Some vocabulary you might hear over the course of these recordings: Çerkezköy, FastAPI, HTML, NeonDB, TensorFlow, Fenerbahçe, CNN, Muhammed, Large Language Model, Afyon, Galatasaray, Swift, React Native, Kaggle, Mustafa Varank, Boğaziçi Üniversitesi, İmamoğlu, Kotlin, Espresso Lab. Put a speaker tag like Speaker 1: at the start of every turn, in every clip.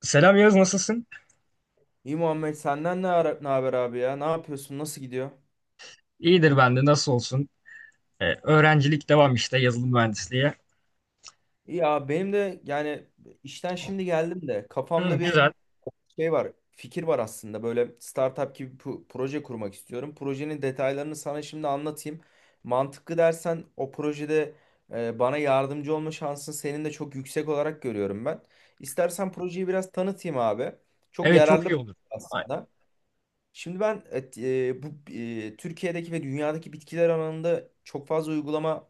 Speaker 1: Selam Yağız nasılsın?
Speaker 2: İyi Muhammed senden ne haber abi ya? Ne yapıyorsun? Nasıl gidiyor?
Speaker 1: İyidir ben de nasıl olsun? Öğrencilik devam işte yazılım mühendisliği.
Speaker 2: İyi. Ya benim de yani işten şimdi geldim de
Speaker 1: Hı,
Speaker 2: kafamda bir
Speaker 1: güzel.
Speaker 2: şey var, fikir var aslında. Böyle startup gibi proje kurmak istiyorum. Projenin detaylarını sana şimdi anlatayım. Mantıklı dersen o projede bana yardımcı olma şansın senin de çok yüksek olarak görüyorum ben. İstersen projeyi biraz tanıtayım abi. Çok
Speaker 1: Evet çok iyi
Speaker 2: yararlı
Speaker 1: olur. Ay-
Speaker 2: aslında. Şimdi ben bu Türkiye'deki ve dünyadaki bitkiler alanında çok fazla uygulama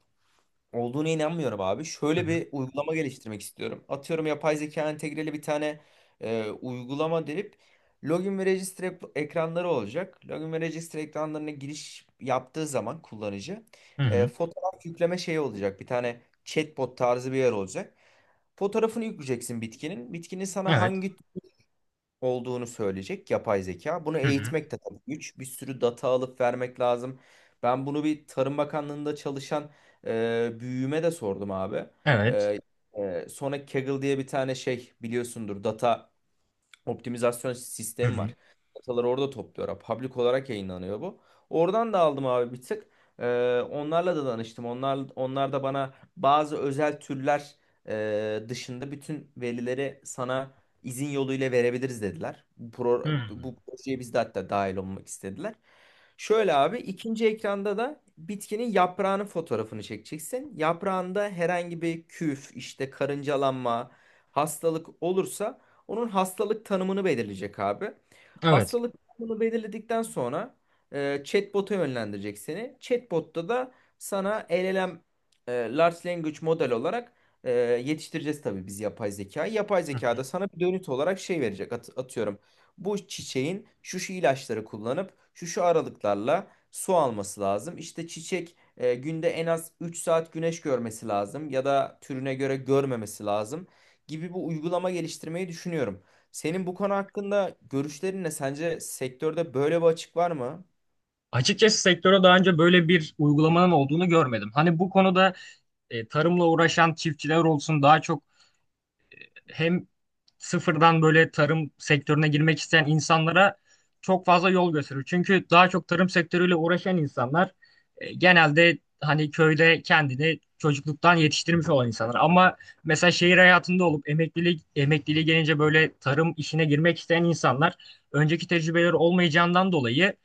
Speaker 2: olduğuna inanmıyorum abi.
Speaker 1: Hı
Speaker 2: Şöyle
Speaker 1: hı.
Speaker 2: bir uygulama geliştirmek istiyorum. Atıyorum yapay zeka entegreli bir tane uygulama derip login ve register ekranları olacak. Login ve register ekranlarına giriş yaptığı zaman kullanıcı
Speaker 1: Hı hı.
Speaker 2: fotoğraf yükleme şeyi olacak. Bir tane chatbot tarzı bir yer olacak. Fotoğrafını yükleyeceksin bitkinin. Bitkinin sana
Speaker 1: Evet.
Speaker 2: hangi olduğunu söyleyecek yapay zeka. Bunu
Speaker 1: Hı hı.
Speaker 2: eğitmek de tabii güç. Bir sürü data alıp vermek lazım. Ben bunu bir Tarım Bakanlığı'nda çalışan büyüğüme de sordum abi.
Speaker 1: Evet.
Speaker 2: E, Sonra Kaggle diye bir tane şey biliyorsundur, data optimizasyon
Speaker 1: Hı
Speaker 2: sistemi
Speaker 1: hı.
Speaker 2: var. Dataları orada topluyorlar. Public olarak yayınlanıyor bu. Oradan da aldım abi bir tık. Onlarla da danıştım. Onlar da bana bazı özel türler dışında bütün verileri sana izin yoluyla verebiliriz dediler. Bu, pro,
Speaker 1: Hı.
Speaker 2: bu projeye biz de hatta dahil olmak istediler. Şöyle abi, ikinci ekranda da bitkinin yaprağının fotoğrafını çekeceksin. Yaprağında herhangi bir küf, işte karıncalanma, hastalık olursa onun hastalık tanımını belirleyecek abi.
Speaker 1: Evet.
Speaker 2: Hastalık tanımını belirledikten sonra chatbot'a yönlendirecek seni. Chatbot'ta da sana LLM, Large Language Model olarak e, yetiştireceğiz tabii biz yapay zekayı. Yapay
Speaker 1: Hı hı.
Speaker 2: zeka da sana bir dönüt olarak şey verecek. Atıyorum, bu çiçeğin şu şu ilaçları kullanıp şu şu aralıklarla su alması lazım. İşte çiçek günde en az 3 saat güneş görmesi lazım, ya da türüne göre görmemesi lazım gibi bir uygulama geliştirmeyi düşünüyorum. Senin bu konu hakkında görüşlerin ne? Sence sektörde böyle bir açık var mı?
Speaker 1: Açıkçası sektöre daha önce böyle bir uygulamanın olduğunu görmedim. Hani bu konuda tarımla uğraşan çiftçiler olsun daha çok hem sıfırdan böyle tarım sektörüne girmek isteyen insanlara çok fazla yol gösteriyor. Çünkü daha çok tarım sektörüyle uğraşan insanlar genelde hani köyde kendini çocukluktan yetiştirmiş olan insanlar. Ama mesela şehir hayatında olup emekliliğe gelince böyle tarım işine girmek isteyen insanlar önceki tecrübeleri olmayacağından dolayı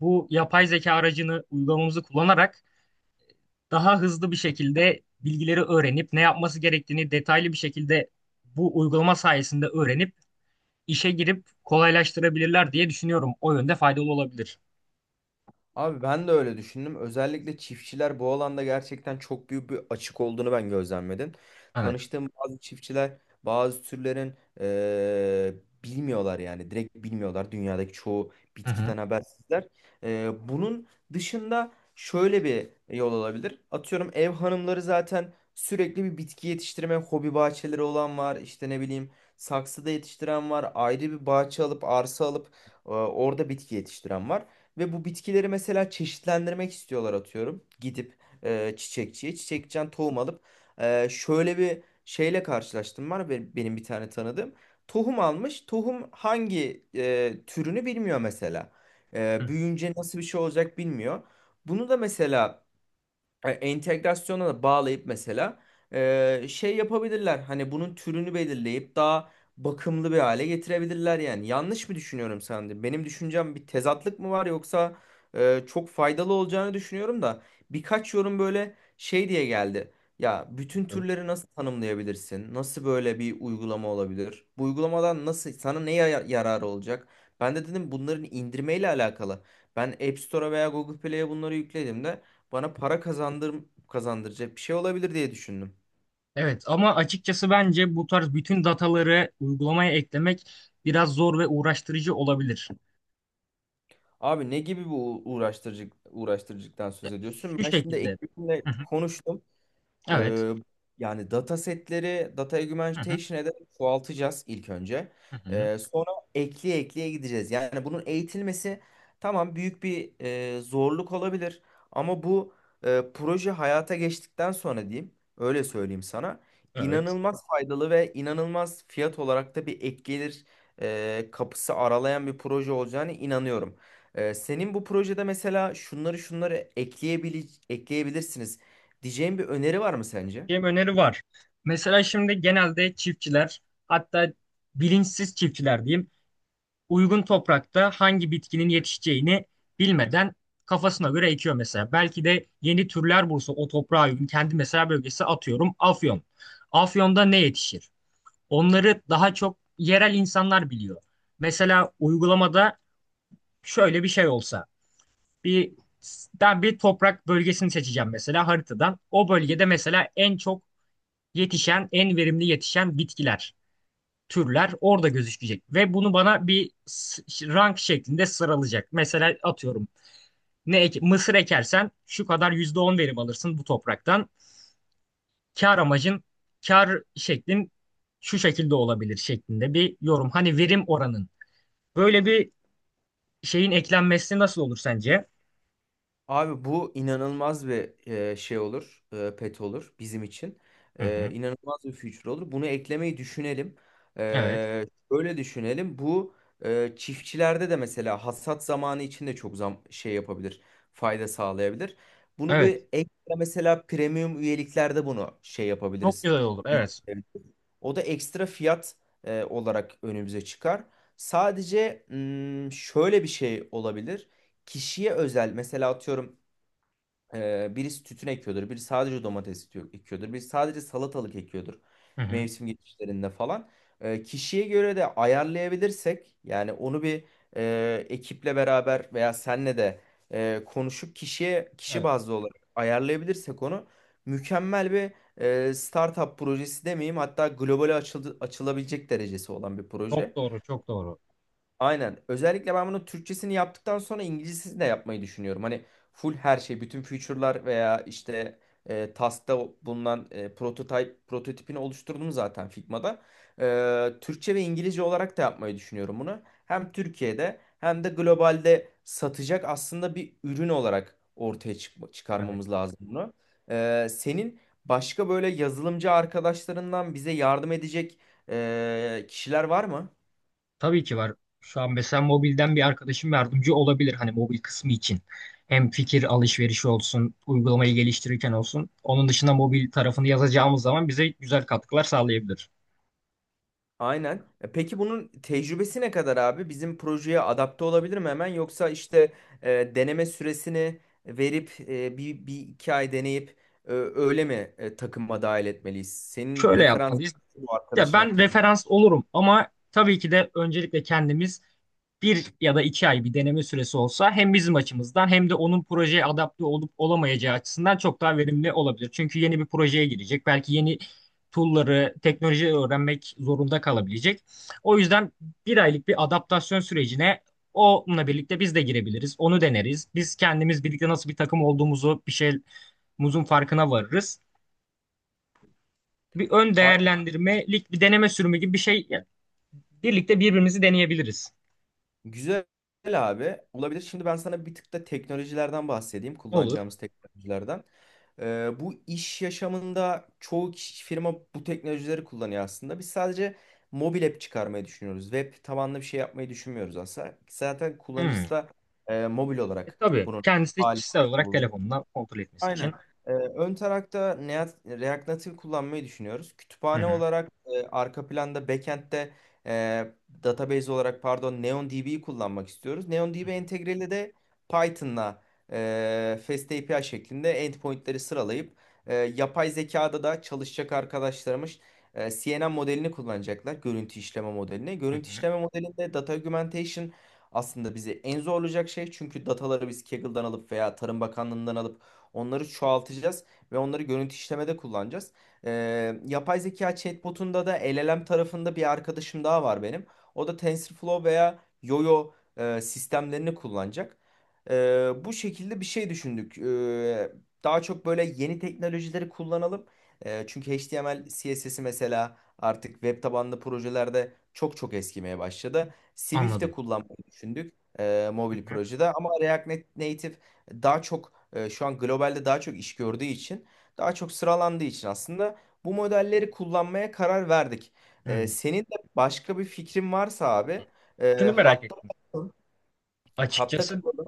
Speaker 1: bu yapay zeka aracını uygulamamızı kullanarak daha hızlı bir şekilde bilgileri öğrenip ne yapması gerektiğini detaylı bir şekilde bu uygulama sayesinde öğrenip işe girip kolaylaştırabilirler diye düşünüyorum. O yönde faydalı olabilir.
Speaker 2: Abi ben de öyle düşündüm. Özellikle çiftçiler bu alanda gerçekten çok büyük bir açık olduğunu ben gözlemledim.
Speaker 1: Evet.
Speaker 2: Tanıştığım bazı çiftçiler bazı türlerin eee, bilmiyorlar yani. Direkt bilmiyorlar. Dünyadaki çoğu
Speaker 1: Hı hı.
Speaker 2: bitkiden habersizler. Bunun dışında şöyle bir yol olabilir. Atıyorum, ev hanımları zaten sürekli bir bitki yetiştirme hobi bahçeleri olan var. İşte ne bileyim, saksıda yetiştiren var. Ayrı bir bahçe alıp, arsa alıp orada bitki yetiştiren var. Ve bu bitkileri mesela çeşitlendirmek istiyorlar atıyorum. Gidip e, çiçekçiye çiçekçiden tohum alıp şöyle bir şeyle karşılaştım, var benim, bir tane tanıdığım. Tohum almış. Tohum hangi türünü bilmiyor mesela. E,
Speaker 1: Hı
Speaker 2: büyüyünce nasıl bir şey olacak bilmiyor. Bunu da mesela entegrasyona da bağlayıp mesela şey yapabilirler. Hani bunun türünü belirleyip daha bakımlı bir hale getirebilirler yani. Yanlış mı düşünüyorum sence? Benim düşüncem bir tezatlık mı var, yoksa çok faydalı olacağını düşünüyorum da birkaç yorum böyle şey diye geldi. Ya bütün
Speaker 1: hı.
Speaker 2: türleri nasıl tanımlayabilirsin? Nasıl böyle bir uygulama olabilir? Bu uygulamadan nasıl sana yararı olacak? Ben de dedim bunların indirmeyle alakalı. Ben App Store'a veya Google Play'e bunları yükledim de bana para kazandır kazandıracak bir şey olabilir diye düşündüm.
Speaker 1: Evet ama açıkçası bence bu tarz bütün dataları uygulamaya eklemek biraz zor ve uğraştırıcı olabilir.
Speaker 2: Abi ne gibi bu uğraştırıcı, uğraştırıcıktan söz ediyorsun?
Speaker 1: Şu
Speaker 2: Ben şimdi
Speaker 1: şekilde.
Speaker 2: ekibimle
Speaker 1: Hı hı.
Speaker 2: konuştum.
Speaker 1: Evet.
Speaker 2: Ee, Yani datasetleri data
Speaker 1: Hı hı.
Speaker 2: augmentation'a ederek çoğaltacağız ilk önce.
Speaker 1: Hı hı.
Speaker 2: Sonra ekleye ekleye gideceğiz. Yani bunun eğitilmesi tamam, büyük bir zorluk olabilir. Ama bu proje hayata geçtikten sonra diyeyim, öyle söyleyeyim sana,
Speaker 1: Evet.
Speaker 2: inanılmaz faydalı ve inanılmaz fiyat olarak da bir ek gelir kapısı aralayan bir proje olacağına inanıyorum. Senin bu projede mesela şunları şunları ekleyebilirsiniz diyeceğim bir öneri var mı sence?
Speaker 1: Benim öneri var. Mesela şimdi genelde çiftçiler hatta bilinçsiz çiftçiler diyeyim uygun toprakta hangi bitkinin yetişeceğini bilmeden kafasına göre ekiyor mesela. Belki de yeni türler bulsa o toprağa uygun kendi mesela bölgesi atıyorum Afyon. Afyon'da ne yetişir? Onları daha çok yerel insanlar biliyor. Mesela uygulamada şöyle bir şey olsa bir ben bir toprak bölgesini seçeceğim mesela haritadan. O bölgede mesela en çok yetişen, en verimli yetişen bitkiler türler orada gözükecek ve bunu bana bir rank şeklinde sıralayacak. Mesela atıyorum mısır ekersen şu kadar %10 verim alırsın bu topraktan. Kar amacın kar şeklin şu şekilde olabilir şeklinde bir yorum. Hani verim oranın. Böyle bir şeyin eklenmesi nasıl olur sence?
Speaker 2: Abi bu inanılmaz bir şey olur, pet olur bizim için.
Speaker 1: Hı
Speaker 2: E,
Speaker 1: hı.
Speaker 2: inanılmaz bir future olur. Bunu eklemeyi düşünelim. E,
Speaker 1: Evet.
Speaker 2: öyle düşünelim. Bu çiftçilerde de mesela hasat zamanı için de çok zam şey yapabilir, fayda sağlayabilir. Bunu
Speaker 1: Evet.
Speaker 2: bir ekle mesela, premium üyeliklerde bunu şey
Speaker 1: Çok
Speaker 2: yapabiliriz.
Speaker 1: güzel olur. Evet.
Speaker 2: O da ekstra fiyat olarak önümüze çıkar. Sadece mm, şöyle bir şey olabilir. Kişiye özel mesela, atıyorum birisi tütün ekiyordur, biri sadece ekiyordur, biri sadece salatalık ekiyordur
Speaker 1: Hı hı.
Speaker 2: mevsim geçişlerinde falan. Kişiye göre de ayarlayabilirsek yani, onu bir ekiple beraber veya senle de konuşup kişiye, kişi
Speaker 1: Evet.
Speaker 2: bazlı olarak ayarlayabilirsek onu, mükemmel bir startup projesi demeyeyim, hatta globale açılabilecek derecesi olan bir proje.
Speaker 1: Çok doğru, çok doğru.
Speaker 2: Aynen. Özellikle ben bunun Türkçesini yaptıktan sonra İngilizcesini de yapmayı düşünüyorum. Hani full her şey, bütün feature'lar veya işte task'ta bulunan prototipini oluşturdum zaten Figma'da. E, Türkçe ve İngilizce olarak da yapmayı düşünüyorum bunu. Hem Türkiye'de hem de globalde satacak aslında bir ürün olarak
Speaker 1: Evet.
Speaker 2: çıkarmamız lazım bunu. Senin başka böyle yazılımcı arkadaşlarından bize yardım edecek kişiler var mı?
Speaker 1: Tabii ki var. Şu an mesela mobilden bir arkadaşım yardımcı olabilir hani mobil kısmı için. Hem fikir alışverişi olsun, uygulamayı geliştirirken olsun. Onun dışında mobil tarafını yazacağımız zaman bize güzel katkılar sağlayabilir.
Speaker 2: Aynen. E, peki bunun tecrübesi ne kadar abi? Bizim projeye adapte olabilir mi hemen? Yoksa işte deneme süresini verip bir iki ay deneyip takıma dahil etmeliyiz? Senin
Speaker 1: Şöyle
Speaker 2: referans
Speaker 1: yapmalıyız.
Speaker 2: bu
Speaker 1: Ya
Speaker 2: arkadaşın
Speaker 1: ben
Speaker 2: hakkında.
Speaker 1: referans olurum ama tabii ki de öncelikle kendimiz bir ya da 2 ay bir deneme süresi olsa hem bizim açımızdan hem de onun projeye adapte olup olamayacağı açısından çok daha verimli olabilir. Çünkü yeni bir projeye girecek. Belki yeni tool'ları, teknolojiyi öğrenmek zorunda kalabilecek. O yüzden bir aylık bir adaptasyon sürecine onunla birlikte biz de girebiliriz. Onu deneriz. Biz kendimiz birlikte nasıl bir takım olduğumuzu, bir şeyimizin farkına varırız. Bir ön değerlendirmelik bir deneme sürümü gibi bir şey yani birlikte birbirimizi deneyebiliriz.
Speaker 2: Güzel abi. Olabilir. Şimdi ben sana bir tık da teknolojilerden bahsedeyim,
Speaker 1: Olur.
Speaker 2: kullanacağımız teknolojilerden. Bu iş yaşamında çoğu kişi, firma bu teknolojileri kullanıyor aslında. Biz sadece mobil app çıkarmayı düşünüyoruz. Web tabanlı bir şey yapmayı düşünmüyoruz aslında. Zaten
Speaker 1: Hmm.
Speaker 2: kullanıcısı da mobil olarak
Speaker 1: Tabii
Speaker 2: bunun
Speaker 1: kendisi
Speaker 2: hali.
Speaker 1: kişisel olarak telefonundan kontrol etmesi için.
Speaker 2: Aynen. Ön tarafta React Native kullanmayı düşünüyoruz.
Speaker 1: Hı
Speaker 2: Kütüphane
Speaker 1: hı.
Speaker 2: olarak, arka planda backend'de e, database olarak, pardon, NeonDB'yi kullanmak istiyoruz. NeonDB entegreli de Python'la FastAPI şeklinde endpointleri sıralayıp, yapay zekada da çalışacak arkadaşlarımız CNN modelini kullanacaklar. Görüntü işleme modelini.
Speaker 1: Hı
Speaker 2: Görüntü
Speaker 1: hı.
Speaker 2: işleme modelinde data augmentation aslında bizi en zorlayacak şey. Çünkü dataları biz Kaggle'dan alıp veya Tarım Bakanlığı'ndan alıp onları çoğaltacağız ve onları görüntü işlemede kullanacağız. Yapay zeka chatbotunda da LLM tarafında bir arkadaşım daha var benim. O da TensorFlow veya Yoyo sistemlerini kullanacak. Bu şekilde bir şey düşündük. Daha çok böyle yeni teknolojileri kullanalım. Çünkü HTML, CSS'i mesela artık web tabanlı projelerde çok eskimeye başladı. Swift de
Speaker 1: Anladım.
Speaker 2: kullanmayı düşündük
Speaker 1: Hı
Speaker 2: mobil
Speaker 1: hı.
Speaker 2: projede, ama React Native daha çok, şu an globalde daha çok iş gördüğü için, daha çok sıralandığı için aslında bu modelleri kullanmaya karar verdik.
Speaker 1: Hı.
Speaker 2: Senin de başka bir fikrin varsa abi,
Speaker 1: Şunu
Speaker 2: e,
Speaker 1: merak
Speaker 2: hatta
Speaker 1: ettim.
Speaker 2: hatta
Speaker 1: Açıkçası
Speaker 2: kapalı.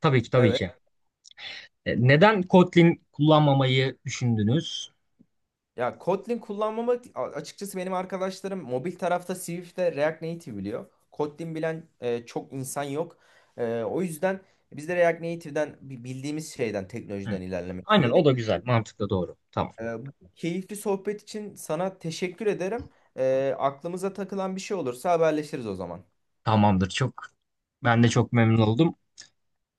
Speaker 1: tabii ki tabii
Speaker 2: Evet.
Speaker 1: ki. Neden Kotlin kullanmamayı düşündünüz?
Speaker 2: Ya Kotlin kullanmamak, açıkçası benim arkadaşlarım mobil tarafta Swift'te, React Native biliyor. Kotlin bilen çok insan yok. E, o yüzden biz de React Native'den bildiğimiz şeyden,
Speaker 1: Hı.
Speaker 2: teknolojiden ilerlemek
Speaker 1: Aynen o
Speaker 2: istedik.
Speaker 1: da güzel. Mantıklı doğru. Tamam.
Speaker 2: Bu keyifli sohbet için sana teşekkür ederim. Aklımıza takılan bir şey olursa haberleşiriz o zaman.
Speaker 1: Tamamdır. Ben de çok memnun oldum.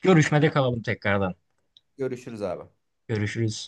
Speaker 1: Görüşmede kalalım tekrardan.
Speaker 2: Görüşürüz abi.
Speaker 1: Görüşürüz.